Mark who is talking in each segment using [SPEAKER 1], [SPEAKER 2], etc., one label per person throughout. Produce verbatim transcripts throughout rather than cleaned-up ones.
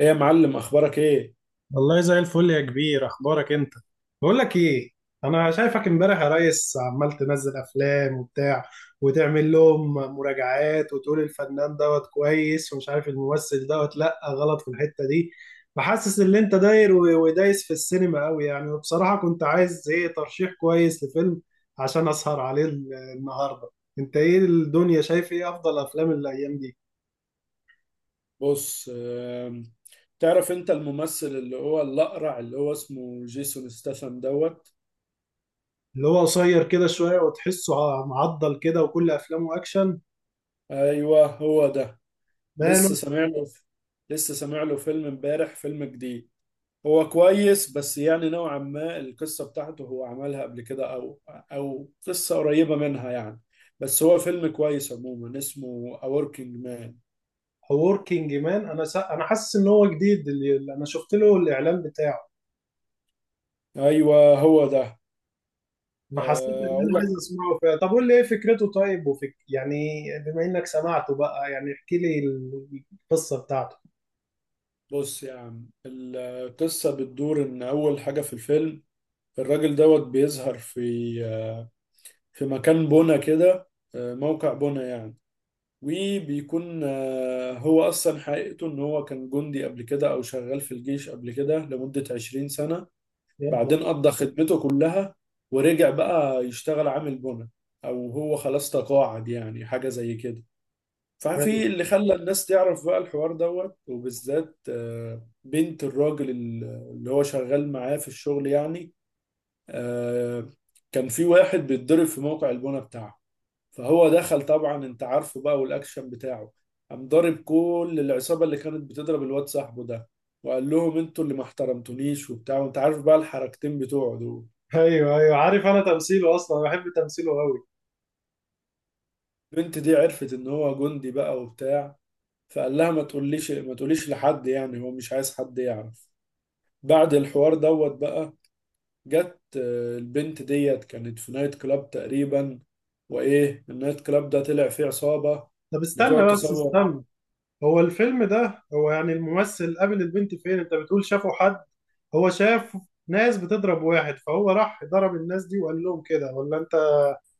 [SPEAKER 1] ايه يا معلم، اخبارك ايه؟
[SPEAKER 2] والله زي الفل يا كبير، اخبارك انت؟ بقول لك ايه، انا شايفك امبارح يا ريس عمال تنزل افلام وبتاع وتعمل لهم مراجعات وتقول الفنان دوت كويس، ومش عارف الممثل دوت لا غلط في الحتة دي. فحاسس ان انت داير و- ودايس في السينما قوي يعني، وبصراحة كنت عايز ايه، ترشيح كويس لفيلم عشان اسهر عليه ال- النهاردة. انت ايه الدنيا، شايف ايه افضل افلام الايام دي؟
[SPEAKER 1] بص، آم، تعرف انت الممثل اللي هو الاقرع، اللي هو اسمه جيسون ستاثام دوت.
[SPEAKER 2] اللي هو قصير كده شوية وتحسه ع- معضل كده وكل افلامه اكشن.
[SPEAKER 1] ايوه، هو ده. لسه
[SPEAKER 2] مان.
[SPEAKER 1] سامع له لسه سامع له فيلم امبارح، فيلم جديد. هو كويس، بس يعني نوعا ما القصه بتاعته هو عملها قبل كده، او او قصه قريبه منها يعني. بس هو فيلم كويس عموما، اسمه A Working Man.
[SPEAKER 2] وركينج مان، انا سا... انا حاسس ان هو جديد، اللي اللي انا شفت له الاعلان بتاعه،
[SPEAKER 1] ايوه، هو ده.
[SPEAKER 2] ما حسيت
[SPEAKER 1] آه،
[SPEAKER 2] ان
[SPEAKER 1] اقول
[SPEAKER 2] انا عايز
[SPEAKER 1] لك.
[SPEAKER 2] اسمعه فيها. طب قول لي ايه فكرته طيب، وفك... يعني بما انك سمعته بقى، يعني احكي لي ال- القصه بتاعته.
[SPEAKER 1] بص يا عم، القصة بتدور إن أول حاجة في الفيلم الراجل دوت بيظهر في في مكان بنا كده، موقع بنا يعني. وبيكون هو أصلا حقيقته إن هو كان جندي قبل كده أو شغال في الجيش قبل كده لمدة عشرين سنة.
[SPEAKER 2] يا نهار!
[SPEAKER 1] بعدين قضى خدمته كلها ورجع بقى يشتغل عامل بنا، أو هو خلاص تقاعد، يعني حاجة زي كده.
[SPEAKER 2] حلو.
[SPEAKER 1] ففي اللي خلى الناس تعرف بقى الحوار دوت، وبالذات آه، بنت الراجل ال- اللي هو شغال معاه في الشغل يعني. آه، كان في واحد بيتضرب في موقع البنا بتاعه، فهو دخل طبعا، انت عارفه بقى والاكشن بتاعه. قام ضارب كل العصابة اللي كانت بتضرب الواد صاحبه ده، وقال لهم انتوا اللي ما احترمتونيش وبتاع، وانت عارف بقى الحركتين بتوعه دول.
[SPEAKER 2] ايوه ايوه عارف، انا تمثيله اصلا بحب تمثيله قوي.
[SPEAKER 1] البنت دي عرفت ان هو جندي بقى وبتاع، فقال لها ما تقوليش ما تقوليش لحد، يعني هو مش عايز حد يعرف. بعد الحوار دوت بقى، جت آه، البنت ديت كانت في نايت كلاب تقريبا، وايه النايت كلاب ده طلع فيه عصابة
[SPEAKER 2] طب
[SPEAKER 1] بتقعد
[SPEAKER 2] استنى بس
[SPEAKER 1] تصور.
[SPEAKER 2] استنى، هو الفيلم ده هو يعني الممثل قابل البنت فين؟ انت بتقول شافه حد. هو شاف ناس بتضرب واحد فهو راح ضرب الناس دي وقال لهم كده ولا انت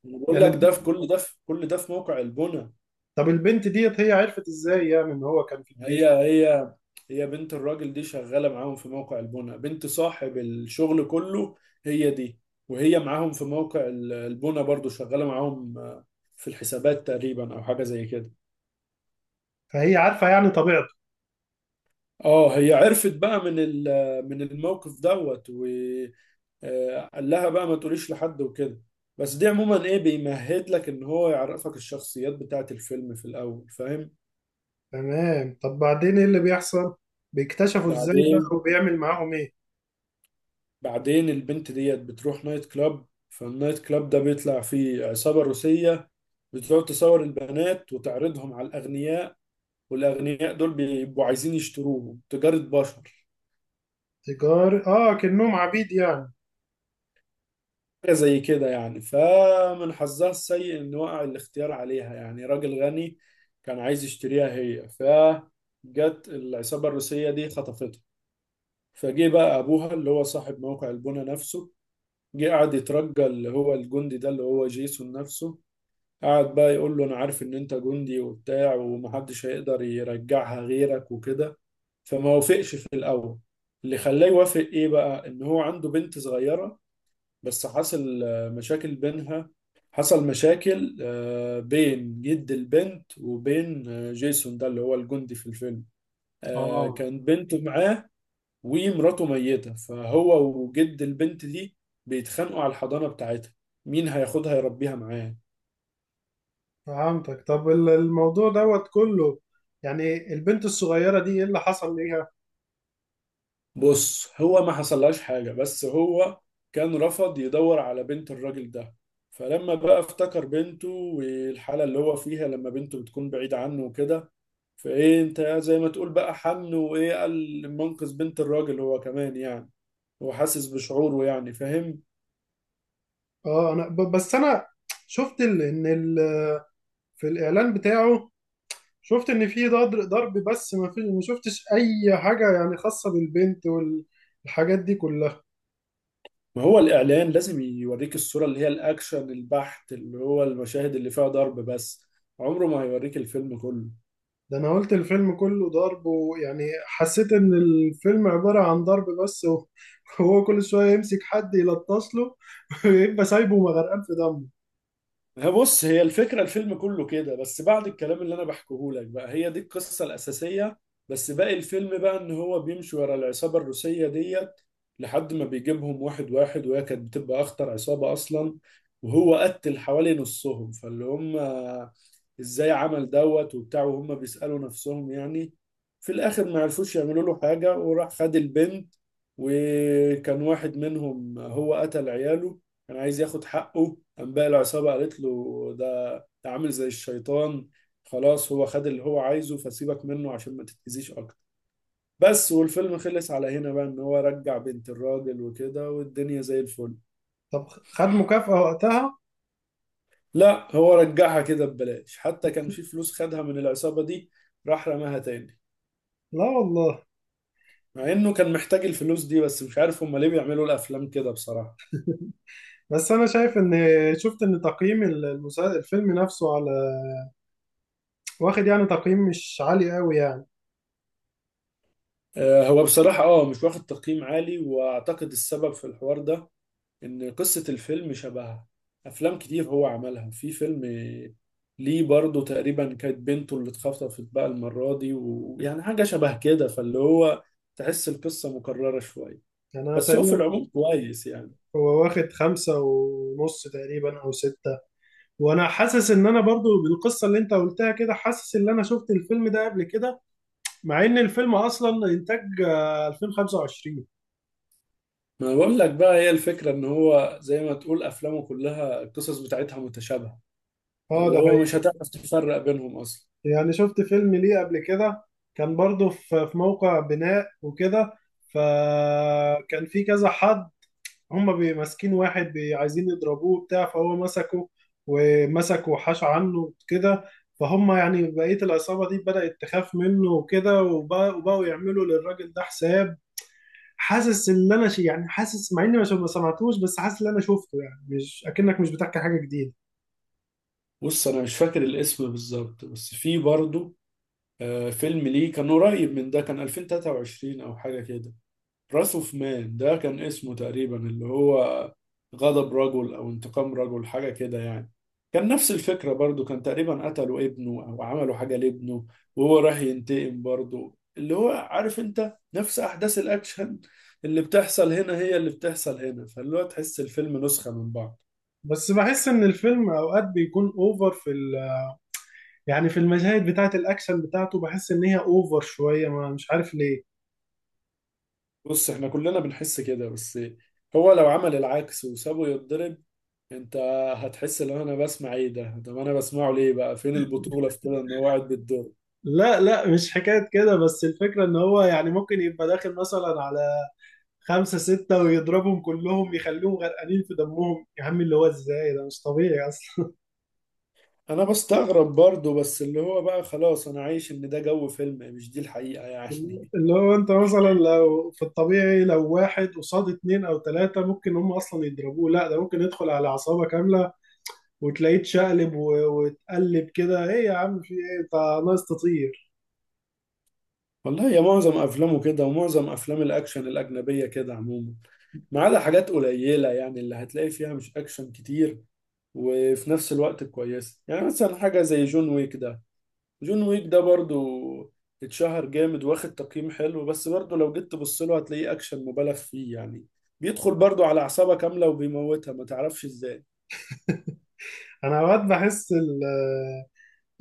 [SPEAKER 1] أنا بقول لك،
[SPEAKER 2] يعني؟
[SPEAKER 1] ده في كل ده في كل ده في موقع البنا.
[SPEAKER 2] طب البنت ديت هي عرفت ازاي يعني ان هو كان في
[SPEAKER 1] هي
[SPEAKER 2] الجيش؟
[SPEAKER 1] هي هي بنت الراجل دي شغالة معاهم في موقع البنا، بنت صاحب الشغل كله. هي دي. وهي معاهم في موقع ال- البنا برضو شغالة معاهم، آه، في الحسابات تقريبا او حاجة زي كده.
[SPEAKER 2] فهي عارفة يعني طبيعته.
[SPEAKER 1] اه هي عرفت بقى من ال- من الموقف دوت. آه، قال لها بقى ما تقوليش لحد وكده. بس دي عموما ايه، بيمهد لك ان هو يعرفك الشخصيات بتاعت الفيلم في الاول، فاهم.
[SPEAKER 2] تمام، طب بعدين ايه اللي بيحصل؟ بيكتشفوا ازاي بقى
[SPEAKER 1] بعدين
[SPEAKER 2] وبيعمل معاهم ايه؟
[SPEAKER 1] بعدين البنت ديت بتروح نايت كلاب، فالنايت كلاب ده بيطلع فيه عصابة روسية بتقعد تصور البنات وتعرضهم على الأغنياء، والأغنياء دول بيبقوا عايزين يشتروهم، تجارة بشر.
[SPEAKER 2] تجار، اه، كأنهم عبيد يعني.
[SPEAKER 1] حاجة زي كده يعني. فمن حظها السيء إن وقع الاختيار عليها، يعني راجل غني كان عايز يشتريها هي، فجت العصابة الروسية دي خطفتها. فجه بقى أبوها اللي هو صاحب موقع البنا نفسه، جه قعد يترجى اللي هو الجندي ده اللي هو جيسون نفسه، قعد بقى يقول له أنا عارف إن أنت جندي وبتاع، ومحدش هيقدر يرجعها غيرك وكده. فما وافقش في الأول. اللي خلاه يوافق إيه بقى؟ إن هو عنده بنت صغيرة. بس حصل آه، مشاكل بينها. حصل مشاكل آه، بين جد البنت وبين آه، جيسون ده اللي هو الجندي في الفيلم. آه،
[SPEAKER 2] اه
[SPEAKER 1] كان بنته معاه ومراته ميتة، فهو وجد البنت دي بيتخانقوا على الحضانة بتاعتها، مين هياخدها يربيها معاه.
[SPEAKER 2] فهمتك، طب ال- الموضوع دوت كله، يعني البنت الصغيرة دي ايه اللي حصل ليها؟
[SPEAKER 1] بص، هو ما حصلهاش حاجة، بس هو كان رفض يدور على بنت الراجل ده. فلما بقى افتكر بنته والحالة اللي هو فيها لما بنته بتكون بعيدة عنه وكده، فايه انت زي ما تقول بقى حن، وايه قال منقذ بنت الراجل هو كمان يعني، هو حاسس بشعوره يعني، فاهم.
[SPEAKER 2] اه، انا ب- بس انا شفت ال- ان ال- في الاعلان بتاعه، شفت ان في ضرب ضرب بس، ما في ما شفتش اي حاجة يعني خاصة بالبنت والحاجات دي كلها.
[SPEAKER 1] ما هو الاعلان لازم يوريك الصورة اللي هي الاكشن البحت، اللي هو المشاهد اللي فيها ضرب بس. عمره ما هيوريك الفيلم كله.
[SPEAKER 2] ده انا قلت الفيلم كله ضرب ويعني حسيت ان الفيلم عبارة عن ضرب بس، وهو كل شوية يمسك حد يلطش له ويبقى سايبه مغرقان في دمه.
[SPEAKER 1] هي بص، هي الفكرة الفيلم كله كده، بس بعد الكلام اللي أنا بحكيه لك بقى، هي دي القصة الأساسية. بس باقي الفيلم بقى إن هو بيمشي ورا العصابة الروسية ديت لحد ما بيجيبهم واحد واحد، وهي كانت بتبقى أخطر عصابة أصلا. وهو قتل حوالي نصهم، فاللي هم إزاي عمل دوت وبتاع، وهم بيسألوا نفسهم يعني. في الآخر ما عرفوش يعملوا له حاجة وراح خد البنت. وكان واحد منهم هو قتل عياله، كان عايز ياخد حقه، قام بقى العصابة قالت له ده ده عامل زي الشيطان، خلاص هو خد اللي هو عايزه، فسيبك منه عشان ما تتأذيش أكتر. بس والفيلم خلص على هنا بقى، إن هو رجع بنت الراجل وكده، والدنيا زي الفل.
[SPEAKER 2] طب خد مكافأة وقتها؟
[SPEAKER 1] لا، هو رجعها كده ببلاش، حتى كان في فلوس خدها من العصابة دي راح رماها تاني،
[SPEAKER 2] لا والله.
[SPEAKER 1] مع إنه كان محتاج الفلوس دي. بس مش عارف هما ليه بيعملوا الأفلام كده بصراحة.
[SPEAKER 2] بس انا شايف ان، شفت ان تقييم المسا- الفيلم نفسه على، واخد يعني تقييم مش عالي قوي يعني.
[SPEAKER 1] آه، هو بصراحة اه مش واخد تقييم عالي، واعتقد السبب في الحوار ده ان قصة الفيلم شبه افلام كتير هو عملها. في فيلم ليه برضه تقريبا كانت بنته اللي اتخطفت بقى المرة دي، ويعني حاجة شبه كده، فاللي هو تحس القصة مكررة شوية.
[SPEAKER 2] يعني انا
[SPEAKER 1] بس هو في
[SPEAKER 2] تقريبا،
[SPEAKER 1] العموم كويس يعني.
[SPEAKER 2] هو واخد خمسة ونص تقريبا او ستة، وانا حاسس ان انا برضو بالقصة اللي انت قلتها كده، حاسس ان انا شفت الفيلم ده قبل كده، مع ان الفيلم اصلا انتاج آه، ألفين وخمسة وعشرين.
[SPEAKER 1] ما بقول لك بقى، هي الفكرة ان هو زي ما تقول افلامه كلها القصص بتاعتها متشابهة،
[SPEAKER 2] اه
[SPEAKER 1] اللي
[SPEAKER 2] ده
[SPEAKER 1] هو مش
[SPEAKER 2] حقيقي.
[SPEAKER 1] هتعرف تفرق بينهم اصلا.
[SPEAKER 2] يعني شفت فيلم ليه قبل كده، كان برضه في في موقع بناء وكده، فكان في كذا حد. هما بي- ماسكين واحد، بي- عايزين يضربوه بتاع، فهو مسكه ومسكه وحاش عنه كده. فهم يعني بقية العصابة دي بدأت تخاف منه وكده، وب- وبقوا يعملوا للراجل ده حساب. حاسس ان انا شي يعني، حاسس مع اني ما شو- ما سمعتوش بس حاسس ان انا شفته، يعني مش اكنك مش بتحكي حاجة جديدة.
[SPEAKER 1] بص انا مش فاكر الاسم بالظبط، بس في برضه آه، فيلم ليه كان قريب من ده كان ألفين وتلاتة وعشرين او حاجة كده. براس اوف مان ده كان اسمه تقريبا، اللي هو غضب رجل او انتقام رجل حاجه كده يعني. كان نفس الفكره برضو، كان تقريبا قتلوا ابنه او عملوا حاجه لابنه، وهو راح ينتقم برضو، اللي هو عارف انت نفس احداث الاكشن اللي بتحصل هنا هي اللي بتحصل هنا، فاللي هو تحس الفيلم نسخه من بعض.
[SPEAKER 2] بس بحس ان الفيلم اوقات بيكون اوفر في ال... يعني في المشاهد بتاعه الاكشن بتاعته، بحس ان هي اوفر شويه ما، مش عارف ليه.
[SPEAKER 1] بص احنا كلنا بنحس كده، بس هو لو عمل العكس وسابه يتضرب، انت هتحس ان انا بسمع ايه ده، طب انا بسمعه ليه بقى، فين البطولة في كده ان هو قاعد بيتضرب.
[SPEAKER 2] لا لا، مش حكايه كده، بس الفكره ان هو يعني ممكن يبقى داخل مثلا على خمسة ستة ويضربهم كلهم، يخليهم غرقانين في دمهم يا عم، اللي هو ازاي؟ ده مش طبيعي اصلا.
[SPEAKER 1] انا بستغرب برضو، بس اللي هو بقى خلاص انا عايش ان ده جو فيلم مش دي الحقيقة يعني.
[SPEAKER 2] اللي هو انت مثلا لو في الطبيعي، لو واحد قصاد اتنين او تلاتة ممكن هم اصلا يضربوه، لا ده ممكن يدخل على عصابة كاملة وتلاقيه اتشقلب و- واتقلب كده، ايه يا عم، في ايه انت؟ ناقص تطير.
[SPEAKER 1] والله يا معظم افلامه كده، ومعظم افلام الاكشن الاجنبية كده عموما، ما عدا حاجات قليلة يعني اللي هتلاقي فيها مش اكشن كتير وفي نفس الوقت كويسة، يعني مثلا حاجة زي جون ويك ده. جون ويك ده برضو اتشهر جامد واخد تقييم حلو، بس برضو لو جيت تبص له هتلاقيه اكشن مبالغ فيه يعني، بيدخل برضو على اعصابها كاملة وبيموتها ما تعرفش ازاي.
[SPEAKER 2] انا اوقات بحس ال- آه،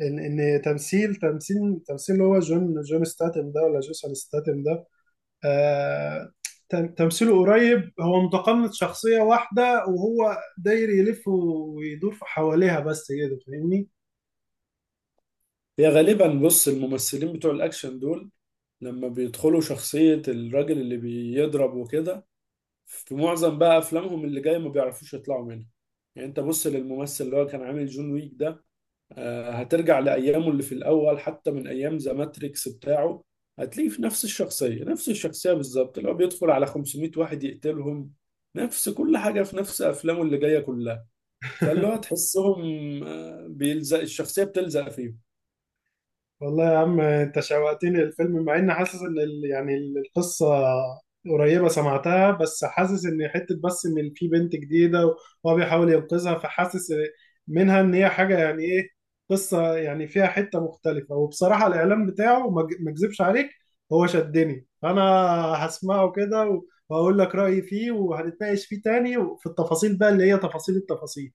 [SPEAKER 2] ان ان تمثيل تمثيل تمثيل اللي هو جون جون ستاتم ده ولا جيسون ستاتم ده، آه، تم- تمثيله قريب، هو متقمص شخصية واحدة وهو داير يلف ويدور في حواليها بس كده، فاهمني؟
[SPEAKER 1] هي غالبا بص الممثلين بتوع الاكشن دول لما بيدخلوا شخصية الراجل اللي بيضرب وكده، في معظم بقى أفلامهم اللي جاية ما بيعرفوش يطلعوا منها. يعني أنت بص للممثل اللي هو كان عامل جون ويك ده، آه، هترجع لأيامه اللي في الأول حتى من أيام ذا ماتريكس بتاعه هتلاقيه في نفس الشخصية، نفس الشخصية بالظبط اللي هو بيدخل على خمسمائة واحد يقتلهم. نفس كل حاجة في نفس أفلامه اللي جاية كلها، فاللي هو تحسهم آه، بيلزق الشخصية بتلزق فيهم.
[SPEAKER 2] والله يا عم انت شوقتني للفيلم، مع اني حاسس ان ال... يعني ال- القصه قريبه سمعتها، بس حاسس ان حته بس ان في بنت جديده وهو بيحاول ينقذها، فحاسس منها ان هي حاجه يعني ايه، قصه يعني فيها حته مختلفه. وبصراحه الاعلان بتاعه، ما أج- ما اكذبش عليك، هو شدني، فانا هسمعه كده وهقول لك رايي فيه، وهنتناقش فيه تاني وفي التفاصيل بقى اللي هي تفاصيل التفاصيل.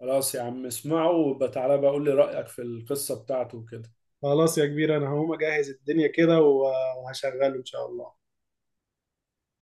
[SPEAKER 1] خلاص يا عم، اسمعه وبتعالى بقى قول لي رأيك في القصة بتاعته وكده.
[SPEAKER 2] خلاص يا كبير، انا هقوم اجهز الدنيا كده وهشغله ان شاء الله.